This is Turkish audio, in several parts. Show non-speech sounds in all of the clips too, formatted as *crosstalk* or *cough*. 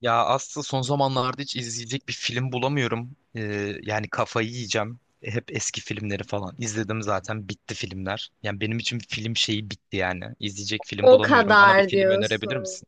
Ya aslında son zamanlarda hiç izleyecek bir film bulamıyorum. Yani kafayı yiyeceğim. Hep eski filmleri falan izledim zaten bitti filmler. Yani benim için film şeyi bitti yani. İzleyecek film O bulamıyorum. Bana bir kadar film önerebilir diyorsun. misin?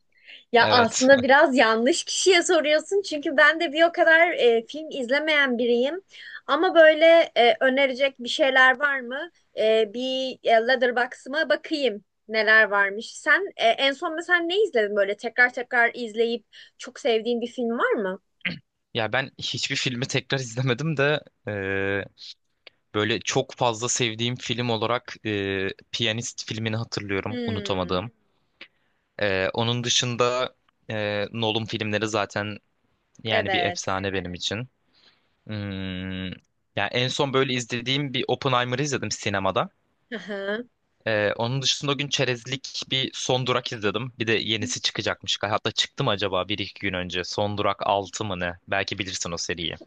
Ya Evet. aslında *laughs* biraz yanlış kişiye soruyorsun çünkü ben de bir o kadar film izlemeyen biriyim. Ama böyle önerecek bir şeyler var mı? Letterboxd'ıma bakayım neler varmış. Sen en son mesela ne izledin böyle tekrar tekrar izleyip çok sevdiğin bir film var mı? Ya ben hiçbir filmi tekrar izlemedim de e, böyle çok fazla sevdiğim film olarak Piyanist filmini hatırlıyorum, Hmm, unutamadığım. Onun dışında Nolan filmleri zaten yani bir evet. efsane benim için. Hmm. Yani en son böyle izlediğim bir Oppenheimer'ı izledim sinemada. Hı hı. Onun dışında o gün çerezlik bir Son Durak izledim. Bir de yenisi çıkacakmış. Hatta çıktı mı acaba bir iki gün önce? Son Durak 6 mı ne? Belki bilirsin o seriyi.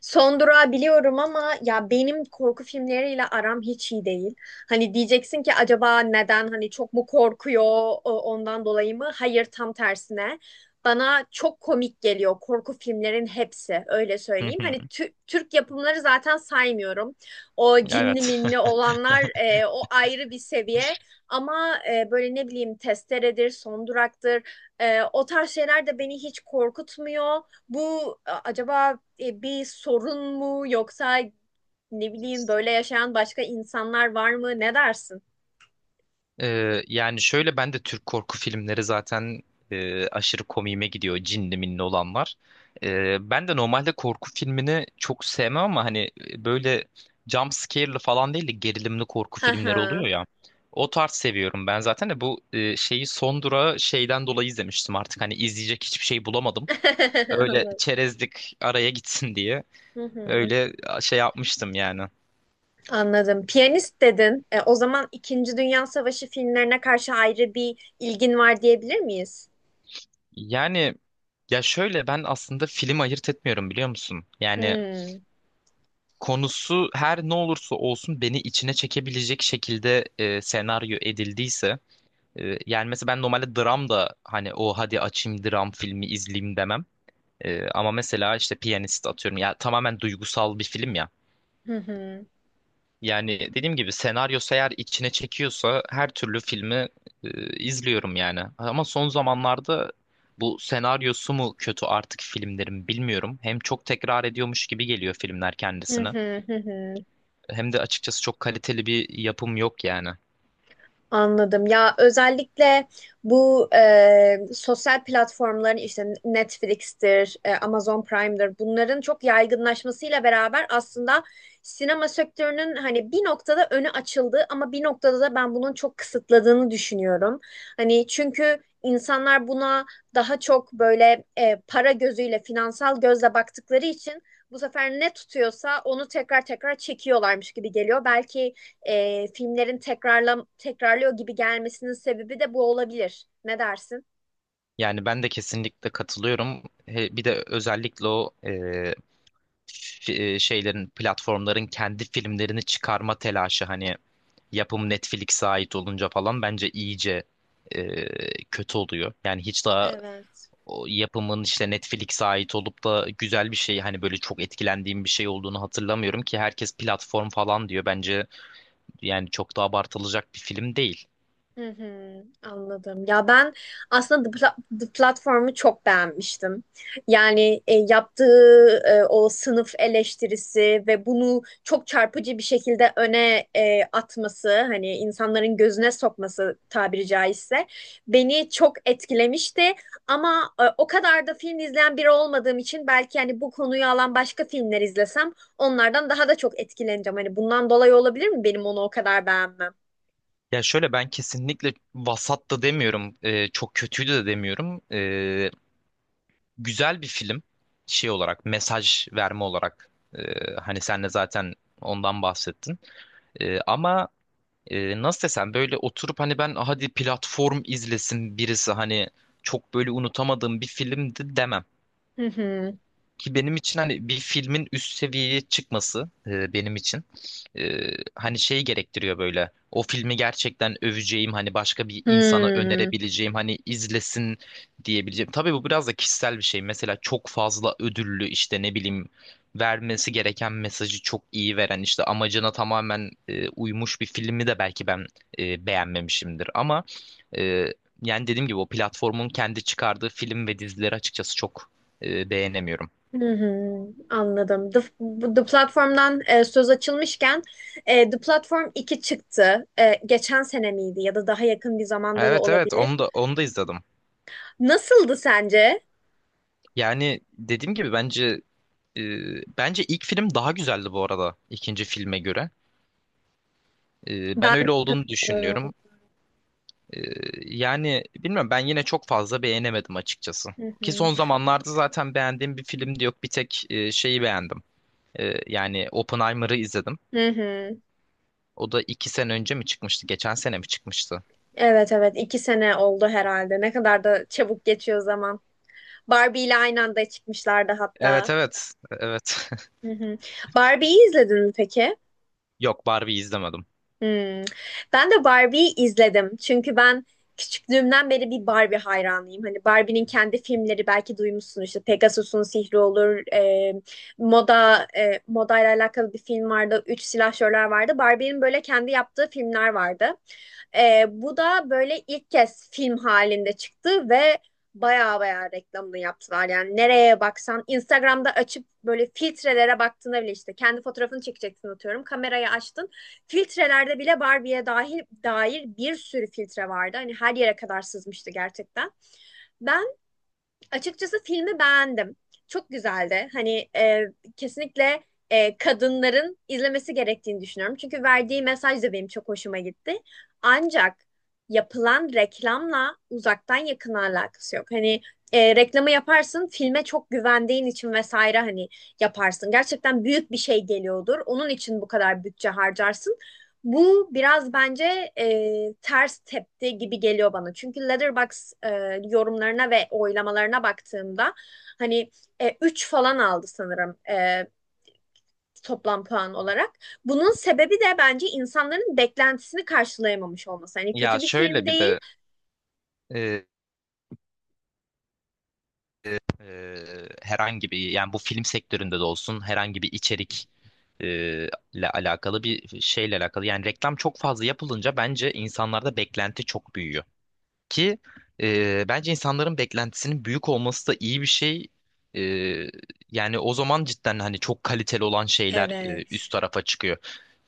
Son durağı biliyorum ama ya benim korku filmleriyle aram hiç iyi değil. Hani diyeceksin ki acaba neden hani çok mu korkuyor ondan dolayı mı? Hayır tam tersine. Bana çok komik geliyor korku filmlerin hepsi öyle Hı söyleyeyim. hı. Hani Türk yapımları zaten saymıyorum. O cinli Evet. minli olanlar, o ayrı bir seviye. Ama böyle ne bileyim Testere'dir, Son Durak'tır. O tarz şeyler de beni hiç korkutmuyor. Bu acaba bir sorun mu, yoksa ne bileyim böyle yaşayan başka insanlar var mı? Ne dersin? Yani şöyle ben de Türk korku filmleri zaten aşırı komiğime gidiyor. Cinli minli olan var. Ben de normalde korku filmini çok sevmem ama hani böyle jump scare'lı falan değil de gerilimli korku Hı filmleri oluyor hı. ya. O tarz seviyorum ben zaten de bu şeyi son durağı şeyden dolayı izlemiştim artık hani izleyecek hiçbir şey bulamadım. *laughs* Öyle Anladım. çerezlik araya gitsin diye Hı hı. öyle şey yapmıştım yani. Anladım. Piyanist dedin. O zaman İkinci Dünya Savaşı filmlerine karşı ayrı bir ilgin var diyebilir miyiz? Yani ya şöyle ben aslında film ayırt etmiyorum biliyor musun? Yani Hmm. konusu her ne olursa olsun beni içine çekebilecek şekilde senaryo edildiyse yani mesela ben normalde dram da hani o hadi açayım dram filmi izleyeyim demem. Ama mesela işte Piyanist atıyorum ya tamamen duygusal bir film ya. Hı hı. Yani dediğim gibi senaryosu eğer içine çekiyorsa her türlü filmi izliyorum yani. Ama son zamanlarda bu senaryosu mu kötü artık filmlerin bilmiyorum. Hem çok tekrar ediyormuş gibi geliyor filmler Hı kendisini. hı hı hı. Hem de açıkçası çok kaliteli bir yapım yok yani. Anladım. Ya özellikle bu sosyal platformların, işte Netflix'tir, Amazon Prime'dir, bunların çok yaygınlaşmasıyla beraber aslında sinema sektörünün hani bir noktada önü açıldı, ama bir noktada da ben bunun çok kısıtladığını düşünüyorum. Hani çünkü insanlar buna daha çok böyle para gözüyle, finansal gözle baktıkları için bu sefer ne tutuyorsa onu tekrar tekrar çekiyorlarmış gibi geliyor. Belki filmlerin tekrarla tekrarlıyor gibi gelmesinin sebebi de bu olabilir. Ne dersin? Yani ben de kesinlikle katılıyorum. Bir de özellikle o şeylerin, platformların kendi filmlerini çıkarma telaşı hani yapım Netflix'e ait olunca falan bence iyice kötü oluyor. Yani hiç daha Evet. o yapımın işte Netflix'e ait olup da güzel bir şey hani böyle çok etkilendiğim bir şey olduğunu hatırlamıyorum ki herkes platform falan diyor. Bence yani çok da abartılacak bir film değil. Hı hı, anladım. Ya ben aslında The Platform'u çok beğenmiştim. Yani yaptığı o sınıf eleştirisi ve bunu çok çarpıcı bir şekilde öne atması, hani insanların gözüne sokması, tabiri caizse, beni çok etkilemişti. Ama o kadar da film izleyen biri olmadığım için, belki hani bu konuyu alan başka filmler izlesem onlardan daha da çok etkileneceğim. Hani bundan dolayı olabilir mi benim onu o kadar beğenmem? Ya şöyle ben kesinlikle vasat da demiyorum, çok kötüydü de demiyorum. Güzel bir film şey olarak, mesaj verme olarak. Hani sen de zaten ondan bahsettin. Ama nasıl desem böyle oturup hani ben hadi platform izlesin birisi hani çok böyle unutamadığım bir filmdi demem. Hı hı. Ki benim için hani bir filmin üst seviyeye çıkması benim için e, hani şey gerektiriyor böyle. O filmi gerçekten öveceğim hani başka bir insana Hmm, önerebileceğim hani izlesin diyebileceğim. Tabii bu biraz da kişisel bir şey. Mesela çok fazla ödüllü işte ne bileyim vermesi gereken mesajı çok iyi veren işte amacına tamamen uymuş bir filmi de belki ben beğenmemişimdir. Ama e, yani dediğim gibi o platformun kendi çıkardığı film ve dizileri açıkçası çok beğenemiyorum. hı hı, anladım. Bu The Platform'dan söz açılmışken The Platform iki çıktı. E, geçen sene miydi, ya da daha yakın bir zamanda da Evet, evet, olabilir. onu da onu da izledim. Nasıldı sence? Yani dediğim gibi e, bence ilk film daha güzeldi bu arada ikinci filme göre. Ben Ben. öyle olduğunu Doğru. düşünüyorum. E, Yani bilmiyorum ben yine çok fazla beğenemedim açıkçası. Hı Ki hı. son zamanlarda zaten beğendiğim bir film de yok. Bir tek şeyi beğendim. Yani Oppenheimer'ı izledim. Hı hı. O da 2 sene önce mi çıkmıştı? Geçen sene mi çıkmıştı? Evet evet, iki sene oldu herhalde. Ne kadar da çabuk geçiyor zaman. Barbie ile aynı anda çıkmışlardı hatta. Evet, evet, evet. *laughs* Hı hı. Barbie'yi izledin mi peki? Yok, Barbie'yi izlemedim. Hmm. Ben de Barbie'yi izledim. Çünkü ben küçüklüğümden beri bir Barbie hayranıyım. Hani Barbie'nin kendi filmleri, belki duymuşsun, işte Pegasus'un Sihri olur, modayla alakalı bir film vardı, Üç Silahşörler vardı. Barbie'nin böyle kendi yaptığı filmler vardı. E, bu da böyle ilk kez film halinde çıktı ve baya baya reklamını yaptılar. Yani nereye baksan Instagram'da açıp böyle filtrelere baktığında bile, işte kendi fotoğrafını çekeceksin atıyorum. Kamerayı açtın. Filtrelerde bile Barbie'ye dahil dair bir sürü filtre vardı. Hani her yere kadar sızmıştı gerçekten. Ben açıkçası filmi beğendim. Çok güzeldi. Hani kesinlikle kadınların izlemesi gerektiğini düşünüyorum. Çünkü verdiği mesaj da benim çok hoşuma gitti. Ancak yapılan reklamla uzaktan yakın alakası yok. Hani reklamı yaparsın, filme çok güvendiğin için vesaire, hani yaparsın. Gerçekten büyük bir şey geliyordur. Onun için bu kadar bütçe harcarsın. Bu biraz bence ters tepti gibi geliyor bana. Çünkü Letterboxd yorumlarına ve oylamalarına baktığımda hani üç falan aldı sanırım toplam puan olarak. Bunun sebebi de bence insanların beklentisini karşılayamamış olması. Hani Ya kötü bir film şöyle bir değil. de e, Ee, herhangi bir yani bu film sektöründe de olsun herhangi bir içerik e, ile alakalı bir şeyle alakalı yani reklam çok fazla yapılınca bence insanlarda beklenti çok büyüyor. Ki bence insanların beklentisinin büyük olması da iyi bir şey. E, Yani o zaman cidden hani çok kaliteli olan şeyler Evet. üst tarafa çıkıyor.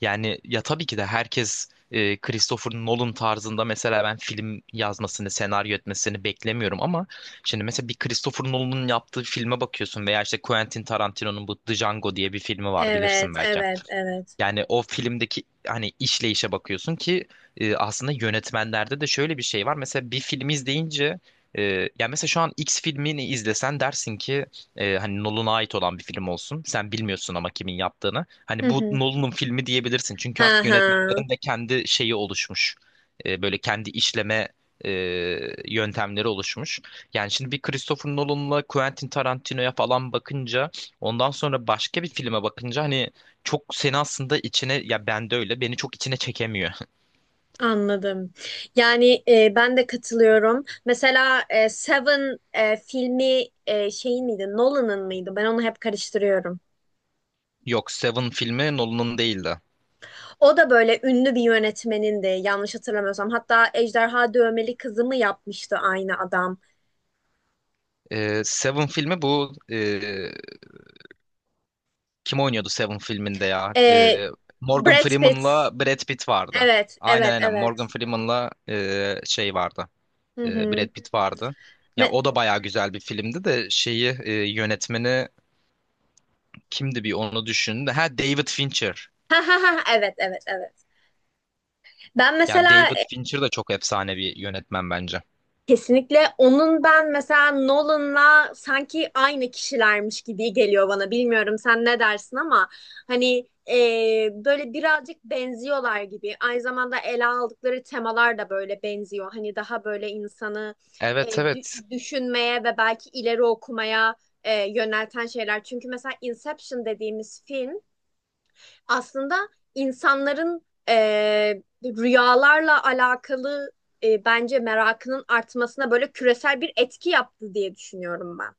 Yani ya tabii ki de herkes Christopher Nolan tarzında mesela ben film yazmasını, senaryo etmesini beklemiyorum ama şimdi mesela bir Christopher Nolan'ın yaptığı filme bakıyorsun veya işte Quentin Tarantino'nun bu The Django diye bir filmi var Evet, bilirsin belki. evet, evet. Yani o filmdeki hani işleyişe bakıyorsun ki aslında yönetmenlerde de şöyle bir şey var. Mesela bir film izleyince e, yani mesela şu an X filmini izlesen dersin ki hani Nolan'a ait olan bir film olsun. Sen bilmiyorsun ama kimin yaptığını. Hı Hani bu hı. Nolan'ın filmi diyebilirsin. Çünkü Ha artık ha. yönetmenlerin de kendi şeyi oluşmuş. Böyle kendi işleme e, yöntemleri oluşmuş. Yani şimdi bir Christopher Nolan'la Quentin Tarantino'ya falan bakınca ondan sonra başka bir filme bakınca hani çok seni aslında içine ya ben de öyle beni çok içine çekemiyor. Anladım. Yani ben de katılıyorum. Mesela Seven filmi şeyin miydi? Nolan'ın mıydı? Ben onu hep karıştırıyorum. *laughs* Yok, Seven filmi Nolan'ın değildi. O da böyle ünlü bir yönetmenindi, yanlış hatırlamıyorsam. Hatta Ejderha Dövmeli Kızı mı yapmıştı aynı adam? Seven filmi bu kim oynuyordu Seven filminde ya? E, Morgan Brad Pitt. Freeman'la Brad Pitt vardı. Evet, Aynen, evet, aynen, evet. Morgan Freeman'la şey vardı. Hı Brad hı. Pitt vardı. Ya Me- o da *laughs* bayağı güzel bir filmdi de şeyi yönetmeni kimdi bir onu düşündü. Ha, David Fincher. Ha ha ha, evet evet evet. Ben Ya mesela David Fincher de çok efsane bir yönetmen bence. Kesinlikle onun, ben mesela Nolan'la sanki aynı kişilermiş gibi geliyor bana. Bilmiyorum sen ne dersin, ama hani böyle birazcık benziyorlar gibi. Aynı zamanda ele aldıkları temalar da böyle benziyor. Hani daha böyle insanı Evet, evet. düşünmeye ve belki ileri okumaya yönelten şeyler. Çünkü mesela Inception dediğimiz film aslında insanların rüyalarla alakalı bence merakının artmasına böyle küresel bir etki yaptı diye düşünüyorum ben.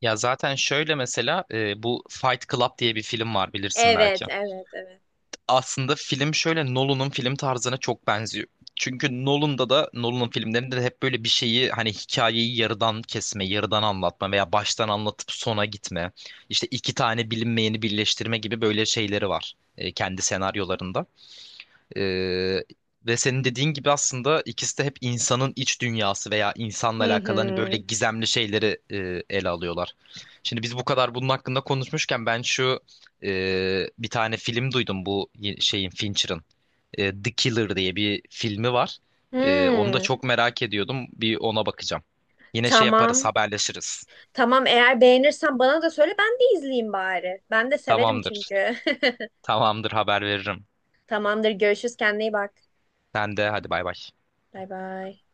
Ya zaten şöyle mesela bu Fight Club diye bir film var bilirsin Evet, belki. evet, evet. Aslında film şöyle Nolan'ın film tarzına çok benziyor. Çünkü Nolan'da da Nolan'ın filmlerinde de hep böyle bir şeyi hani hikayeyi yarıdan kesme, yarıdan anlatma veya baştan anlatıp sona gitme. İşte iki tane bilinmeyeni birleştirme gibi böyle şeyleri var kendi senaryolarında. Ee, Ve senin dediğin gibi aslında ikisi de hep insanın iç dünyası veya insanla Hı alakalı hani böyle hı. gizemli şeyleri ele alıyorlar. Şimdi biz bu kadar bunun hakkında konuşmuşken ben şu bir tane film duydum bu şeyin Fincher'ın. The Killer diye bir filmi var. Onu da Hmm, çok merak ediyordum. Bir ona bakacağım. Yine şey yaparız, tamam. haberleşiriz. Tamam, eğer beğenirsen bana da söyle, ben de izleyeyim bari. Ben de severim Tamamdır. çünkü. Tamamdır, haber veririm. *laughs* Tamamdır, görüşürüz, kendine iyi bak. Sen de hadi, bay bay. Bay bay.